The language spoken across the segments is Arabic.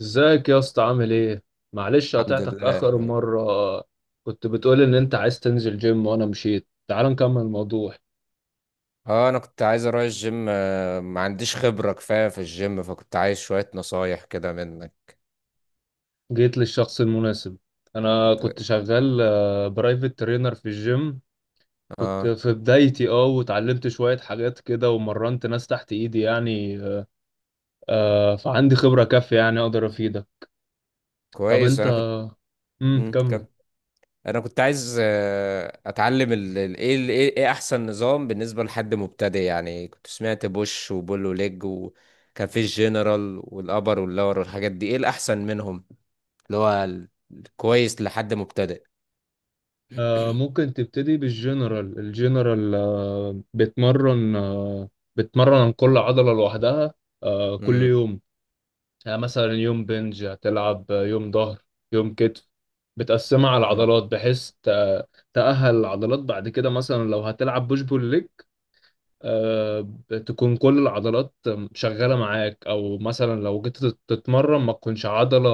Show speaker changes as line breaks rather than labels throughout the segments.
ازيك يا اسطى، عامل ايه؟ معلش
الحمد
قطعتك
لله.
اخر مره. كنت بتقول ان انت عايز تنزل جيم وانا مشيت، تعال نكمل الموضوع.
اه انا كنت عايز اروح الجيم، ما عنديش خبرة كفاية في الجيم، فكنت عايز شوية نصايح كده منك.
جيت للشخص المناسب. انا
د-
كنت شغال برايفت ترينر في الجيم. كنت
اه،
في بدايتي، وتعلمت شويه حاجات كده ومرنت ناس تحت ايدي يعني. فعندي خبره كافيه يعني اقدر افيدك. طب
كويس.
انت،
انا كنت مم،
كمل.
كم انا كنت عايز اتعلم ال... ال... ايه ال... ايه إيه احسن نظام بالنسبة لحد مبتدئ، يعني كنت سمعت بوش وبول وليج، وكان في الجنرال والابر واللور والحاجات دي، ايه الاحسن منهم؟ اللي هو الكويس لحد مبتدئ.
ممكن تبتدي بالجنرال. الجنرال آه، بتمرن عن كل عضلة لوحدها، كل
امم.
يوم. يعني مثلا يوم بنج هتلعب، يوم ظهر، يوم كتف. بتقسمها على
اه.
العضلات بحيث تأهل العضلات. بعد كده، مثلا لو هتلعب بوش بول ليج، آه، تكون كل العضلات شغالة معاك. أو مثلا لو جيت تتمرن،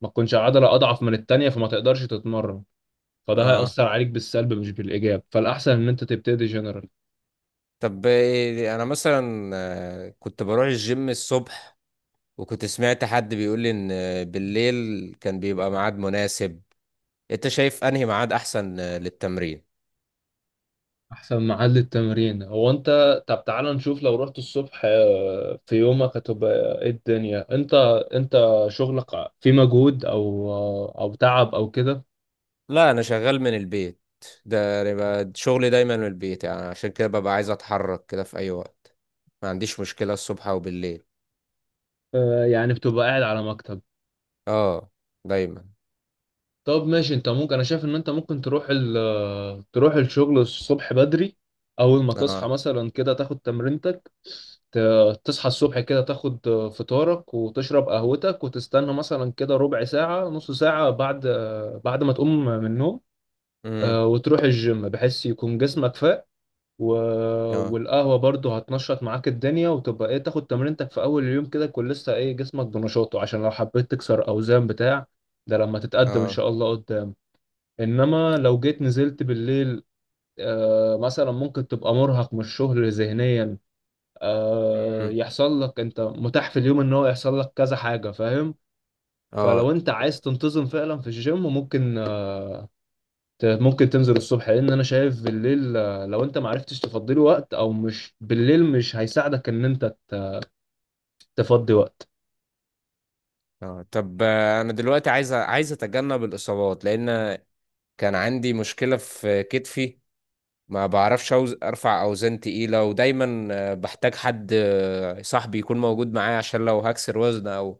ما تكونش عضلة أضعف من التانية فما تقدرش تتمرن. فده
اه،
هيأثر عليك بالسلب مش بالإيجاب، فالأحسن إن أنت تبتدي جنرال.
طب انا مثلا كنت بروح الجيم الصبح، وكنت سمعت حد بيقول لي ان بالليل كان بيبقى ميعاد مناسب. انت شايف انهي ميعاد احسن للتمرين؟
أحسن محل التمرين هو أنت. طب تعال نشوف، لو رحت الصبح، في يومك هتبقى إيه الدنيا؟ أنت شغلك في مجهود أو، أو تعب أو كده؟
لا، انا شغال من البيت. ده يبقى شغلي دايما من البيت، يعني عشان كده ببقى عايز اتحرك كده في اي وقت. ما عنديش مشكلة الصبح او بالليل.
يعني بتبقى قاعد على مكتب.
اه، دايما.
طب ماشي، انت ممكن، انا شايف ان انت ممكن تروح الشغل الصبح بدري. اول ما تصحى
اه.
مثلا كده تاخد تمرينتك. تصحى الصبح كده تاخد فطارك وتشرب قهوتك وتستنى مثلا كده ربع ساعة نص ساعة بعد بعد ما تقوم من النوم.
امم.
وتروح الجيم بحيث يكون جسمك فاق و...
اه.
والقهوة برضو هتنشط معاك الدنيا، وتبقى ايه، تاخد تمرينتك في اول اليوم كده، يكون لسه ايه جسمك بنشاطه، عشان لو حبيت تكسر اوزان بتاع، ده لما تتقدم ان
اه.
شاء الله قدام. انما لو جيت نزلت بالليل، مثلا ممكن تبقى مرهق من الشغل ذهنيا،
امم.
يحصل لك انت متاح في اليوم ان هو يحصل لك كذا حاجة، فاهم؟
اه.
فلو انت عايز تنتظم فعلا في الجيم، ممكن ممكن تنزل الصبح، لان انا شايف بالليل، لو انت معرفتش تفضي له وقت، او مش بالليل مش هيساعدك ان انت تفضي وقت.
اه، طب انا دلوقتي عايز اتجنب الاصابات، لان كان عندي مشكلة في كتفي. ما بعرفش ارفع اوزان تقيلة، ودايما بحتاج حد، صاحبي يكون موجود معايا، عشان لو هكسر وزن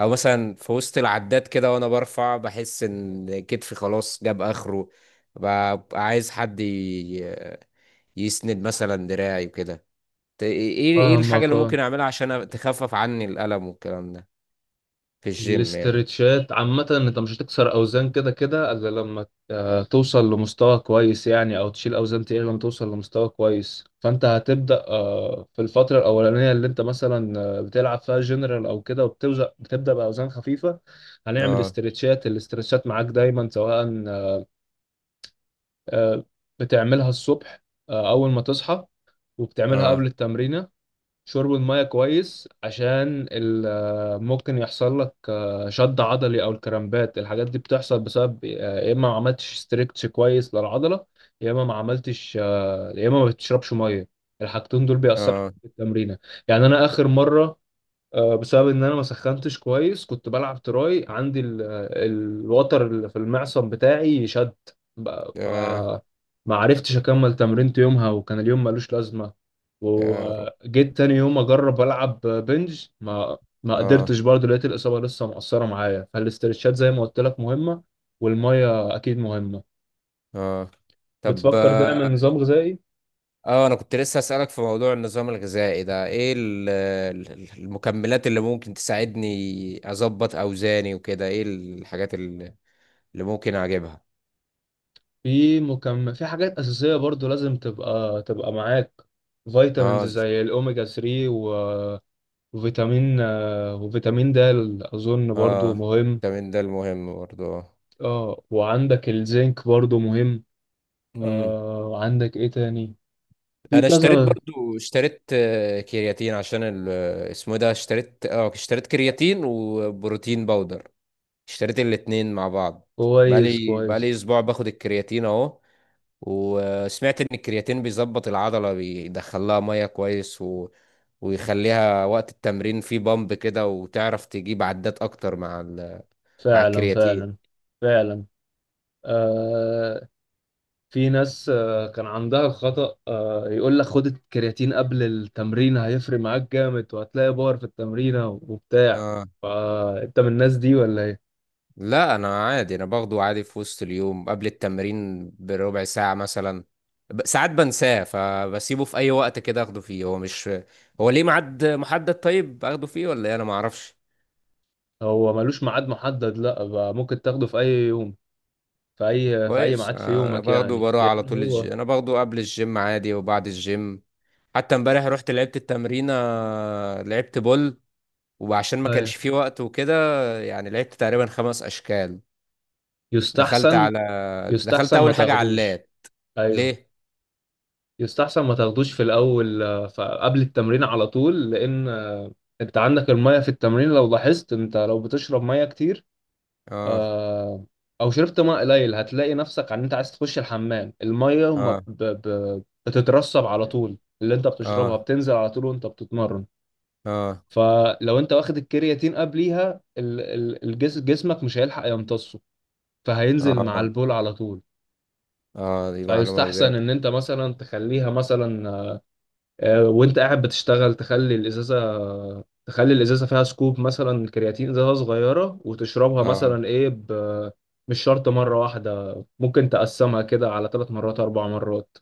او مثلا في وسط العداد كده وانا برفع، بحس ان كتفي خلاص جاب اخره. ببقى عايز حد يسند مثلا دراعي وكده. ايه، الحاجة
فاهمك.
اللي ممكن اعملها عشان تخفف عني الألم والكلام ده في الجيم يعني؟
الاسترتشات عامة، انت مش هتكسر اوزان كده كده الا لما توصل لمستوى كويس يعني، او تشيل اوزان تقيلة لما توصل لمستوى كويس. فانت هتبدأ في الفترة الاولانية اللي انت مثلا بتلعب فيها جنرال او كده، وبتبدأ باوزان خفيفة. هنعمل
اه.
استرتشات، الاسترتشات معاك دايما، سواء آه، بتعملها الصبح اول ما تصحى، وبتعملها
اه.
قبل التمرين. شرب المية كويس، عشان ممكن يحصل لك شد عضلي أو الكرامبات. الحاجات دي بتحصل بسبب، يا إما ما عملتش ستريتش كويس للعضلة، يا إما ما بتشربش مية. الحاجتين دول بيأثروا عليك
اه.
في التمرينة. يعني أنا آخر مرة، بسبب ان انا ما سخنتش كويس، كنت بلعب تراي، عندي الوتر اللي في المعصم بتاعي شد. بقى- ف
آه.
ما عرفتش اكمل تمرينت يومها وكان اليوم ملوش لازمه.
يا رب.
وجيت تاني يوم اجرب العب بنج، ما
اه.
قدرتش برضه، لقيت الاصابه لسه مقصره معايا. فالاسترتشات زي ما قلت لك مهمه، والميه اكيد مهمه.
اه، طب
بتفكر
اه،
تعمل نظام غذائي؟
انا كنت لسه اسالك في موضوع النظام الغذائي ده، ايه المكملات اللي ممكن تساعدني اظبط اوزاني وكده، ايه الحاجات اللي ممكن اجيبها؟
في مكمل، في حاجات أساسية برضو لازم تبقى معاك. فيتامينز
اه،
زي الأوميجا 3 وفيتامين د، أظن برضو
اه،
مهم.
فيتامين ده المهم برضو.
اه وعندك الزنك برضو مهم.
امم.
وعندك إيه تاني؟ في
انا اشتريت،
كذا.
برضو اشتريت كرياتين، عشان اسمه إيه ده، اشتريت كرياتين وبروتين باودر. اشتريت الاتنين مع بعض.
كويس
بقالي
كويس.
اسبوع باخد الكرياتين اهو. وسمعت ان الكرياتين بيظبط العضله، بيدخلها ميه كويس، و... ويخليها وقت التمرين في بامب كده، وتعرف تجيب عدات اكتر مع مع
فعلا
الكرياتين.
فعلا. فعلا. آه. في ناس كان عندها الخطأ، يقول لك خد الكرياتين قبل التمرين هيفرق معاك جامد، وهتلاقي باور في التمرينة وبتاع.
اه.
فانت من الناس دي ولا ايه؟
لا، انا عادي. انا باخده عادي في وسط اليوم قبل التمرين بربع ساعه مثلا. ساعات بنساه، فبسيبه في اي وقت كده اخده فيه. هو مش هو ليه ميعاد محدد؟ طيب اخده فيه ولا ايه؟ انا ما اعرفش.
هو ملوش ميعاد محدد، لا، بقى ممكن تاخده في اي يوم، في اي
كويس،
ميعاد في
انا
يومك
باخده،
يعني،
بروح على
لان
طول
هو.
الجيم. انا باخده قبل الجيم عادي وبعد الجيم. حتى امبارح رحت لعبت التمرينة، لعبت بول، وعشان ما كانش
أيوة.
فيه وقت وكده يعني لعبت تقريبا 5 أشكال. دخلت
يستحسن
على دخلت
يستحسن ما
أول حاجة على
تاخدوش.
اللات.
ايوه،
ليه؟
يستحسن ما تاخدوش في الاول، قبل التمرين على طول، لان انت عندك المية في التمرين. لو لاحظت، انت لو بتشرب مية كتير
اه.
آه، او شربت ماء قليل، هتلاقي نفسك ان انت عايز تخش الحمام. الميه ما
اه.
بتترسب على طول، اللي انت بتشربها
اه.
بتنزل على طول وانت بتتمرن.
اه.
فلو انت واخد الكرياتين قبليها، جسمك مش هيلحق يمتصه، فهينزل مع
اه.
البول على طول.
اه، دي معلومة
فيستحسن
جديدة.
ان انت مثلا تخليها مثلا وانت قاعد بتشتغل، تخلي الازازه، فيها سكوب مثلا كرياتين، ازازه صغيره وتشربها
اه،
مثلا ايه، مش شرط مره واحده، ممكن تقسمها كده على ثلاث مرات اربع مرات.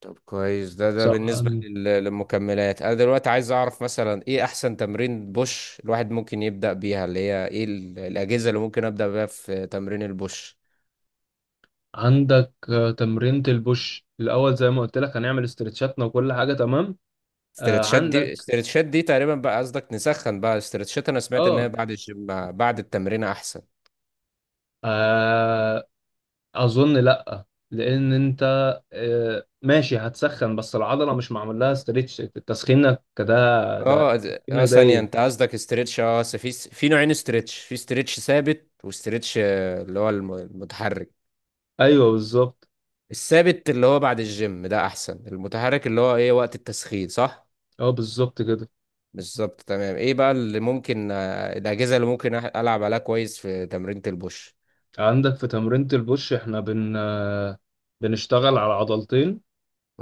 طب كويس. ده
سواء
بالنسبة للمكملات. أنا دلوقتي عايز أعرف مثلا إيه أحسن تمرين بوش الواحد ممكن يبدأ بيها؟ اللي هي إيه الأجهزة اللي ممكن أبدأ بيها في تمرين البوش؟
عندك تمرينة البوش الاول زي ما قلت لك، هنعمل استرتشاتنا وكل حاجه تمام. عندك.
استرتشات دي تقريبا بقى قصدك نسخن بقى استرتشات؟ انا سمعت ان هي
اه,
بعد الجيم، بعد التمرين احسن.
آه اظن لا، لان انت ماشي هتسخن، بس العضله مش معمول لها ستريتش. تسخينك ده،
اه. اه،
تسخينك ده
ثانية،
ايه.
انت قصدك استرتش؟ اه، أصل في نوعين استرتش: في استرتش ثابت، واسترتش اللي هو المتحرك.
ايوه بالظبط.
الثابت اللي هو بعد الجيم ده احسن، المتحرك اللي هو ايه وقت التسخين، صح؟
اه بالظبط كده.
بالظبط، تمام. ايه بقى اللي ممكن الاجهزة اللي ممكن العب عليها كويس في تمرينة البوش؟
عندك في تمرينة البوش احنا بن آه، بنشتغل على عضلتين،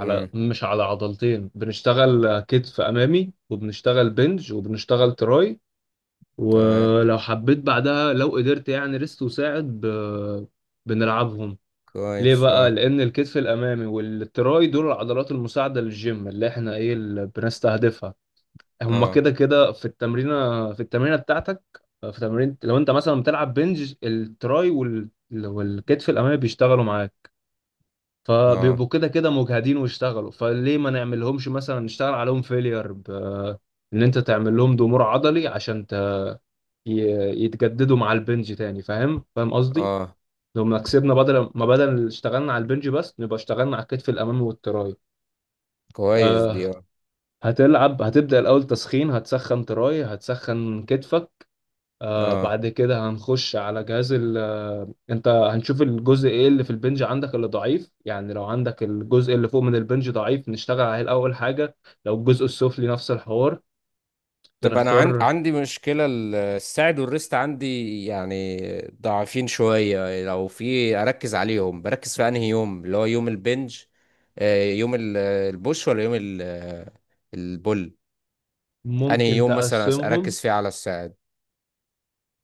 على مش على عضلتين، بنشتغل كتف امامي، وبنشتغل بنج، وبنشتغل تراي.
تمام.
ولو حبيت بعدها، لو قدرت يعني، ريست وساعد بنلعبهم. ليه
كويس.
بقى؟
اه.
لان الكتف الامامي والتراي دول العضلات المساعده للجيم اللي احنا ايه، اللي بنستهدفها. هما
اه.
كده كده في التمرينه، بتاعتك. في تمرين، لو انت مثلا بتلعب بنج، التراي والكتف الامامي بيشتغلوا معاك،
اه.
فبيبقوا كده كده مجهدين واشتغلوا. فليه ما نعملهمش مثلا، نشتغل عليهم فيلير ان انت تعمل لهم ضمور عضلي عشان ي... يتجددوا مع البنج تاني، فاهم فاهم قصدي؟
اه.
لو ما كسبنا، بدل ما بدل اللي اشتغلنا على البنج بس، نبقى اشتغلنا على الكتف الامامي والتراي.
كويس دي.
آه.
آه.
هتبدأ الاول تسخين، هتسخن تراي، هتسخن كتفك. آه،
اه،
بعد كده هنخش على جهاز ال آه، انت هنشوف الجزء ايه اللي في البنج عندك اللي ضعيف يعني. لو عندك الجزء اللي فوق من البنج ضعيف، نشتغل عليه الاول حاجة. لو الجزء السفلي، نفس الحوار.
طب انا
بنختار.
عندي مشكله، الساعد والريست عندي يعني ضعيفين شويه. لو في، اركز عليهم، بركز في انهي يوم؟ اللي هو يوم البنج، يوم البوش، ولا يوم البول؟ انهي
ممكن
يوم مثلا
تقسمهم،
اركز فيه على الساعد؟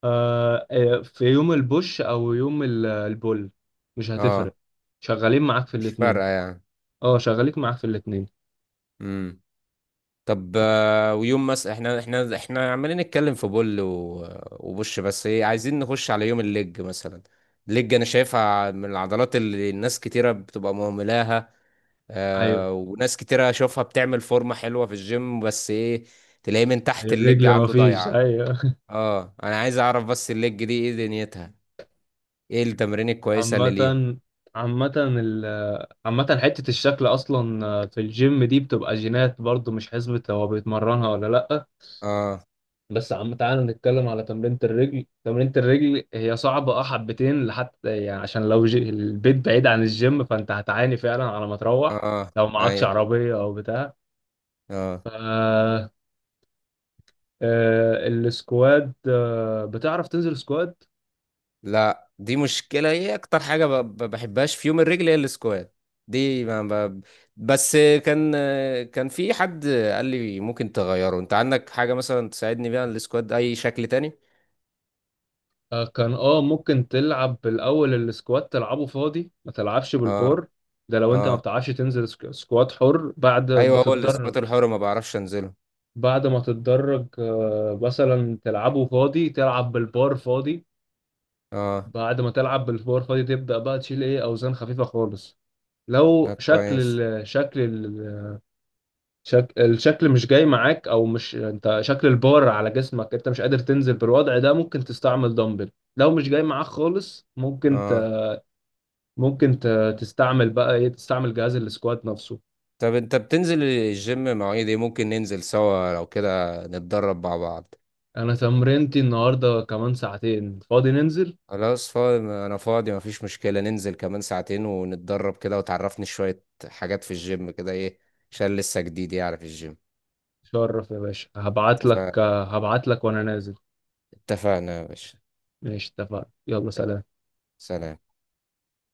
في يوم البوش او يوم البول، مش
اه.
هتفرق، شغالين معاك في
مش
الاتنين.
فارقه
اه، شغالين معاك في الاتنين.
يعني. طب ويوم مثلا، احنا عمالين نتكلم في بول وبوش بس، ايه، عايزين نخش على يوم الليج مثلا. الليج انا شايفها من العضلات اللي الناس كتيرة بتبقى مهملاها،
ايوه.
وناس كتيرة اشوفها بتعمل فورمة حلوة في الجيم، بس ايه، تلاقيه من تحت
أيوة،
الليج
الرجل
عنده
مفيش.
ضايعة.
ايوه.
اه، انا عايز اعرف بس الليج دي ايه دنيتها، ايه التمرين الكويسة اللي ليها؟
عامة. عامة ال عامة حتة الشكل أصلا في الجيم دي بتبقى جينات برضو، مش حسبة هو بيتمرنها ولا لأ.
اه.
بس عم، تعالى نتكلم على تمرينة الرجل. هي صعبة اه، حبتين لحتى يعني، عشان لو البيت بعيد عن الجيم، فأنت هتعاني فعلا على ما
اه.
تروح،
آه.
لو معكش
ايوه.
عربية أو بتاع.
اه.
آه، السكواد، بتعرف تنزل سكواد؟
لا، دي مشكلة. هي أكتر حاجة ما بحبهاش في يوم الرجل هي السكوات. دي ما ما- بس كان كان في حد قال لي ممكن تغيره. أنت عندك حاجة مثلا تساعدني بيها، السكوات ده أي شكل تاني؟
كان اه، ممكن تلعب بالاول السكواد تلعبه فاضي ما تلعبش
اه.
بالبور. ده لو انت ما
اه،
بتعرفش تنزل سكواد حر. بعد
أيوه. هو
بتتدرج،
السكوات الحر ما بعرفش أنزله.
بعد ما تتدرج مثلا تلعبه فاضي، تلعب بالبار فاضي.
اه.
بعد ما تلعب بالبار فاضي، تبدأ بقى تشيل ايه، اوزان خفيفة خالص.
لا،
لو شكل
كويس.
الشكل مش جاي معاك، او مش انت شكل البار على جسمك، انت مش قادر تنزل بالوضع ده، ممكن تستعمل دمبل. لو مش جاي معاك خالص، ممكن
اه،
ممكن ت... تستعمل بقى ايه، تستعمل جهاز السكوات نفسه.
طب أنت بتنزل الجيم مواعيد إيه؟ ممكن ننزل سوا لو كده نتدرب مع بعض؟
انا تمرينتي النهارده كمان ساعتين، فاضي ننزل.
خلاص، فاضي. انا فاضي، مفيش مشكلة. ننزل كمان ساعتين ونتدرب كده وتعرفني شوية حاجات في الجيم كده، ايه، عشان لسه جديد يعني في الجيم.
شرف يا باشا،
اتفق-
هبعت لك وانا نازل.
اتفقنا يا باشا.
ماشي اتفقنا، يلا سلام.
سلام.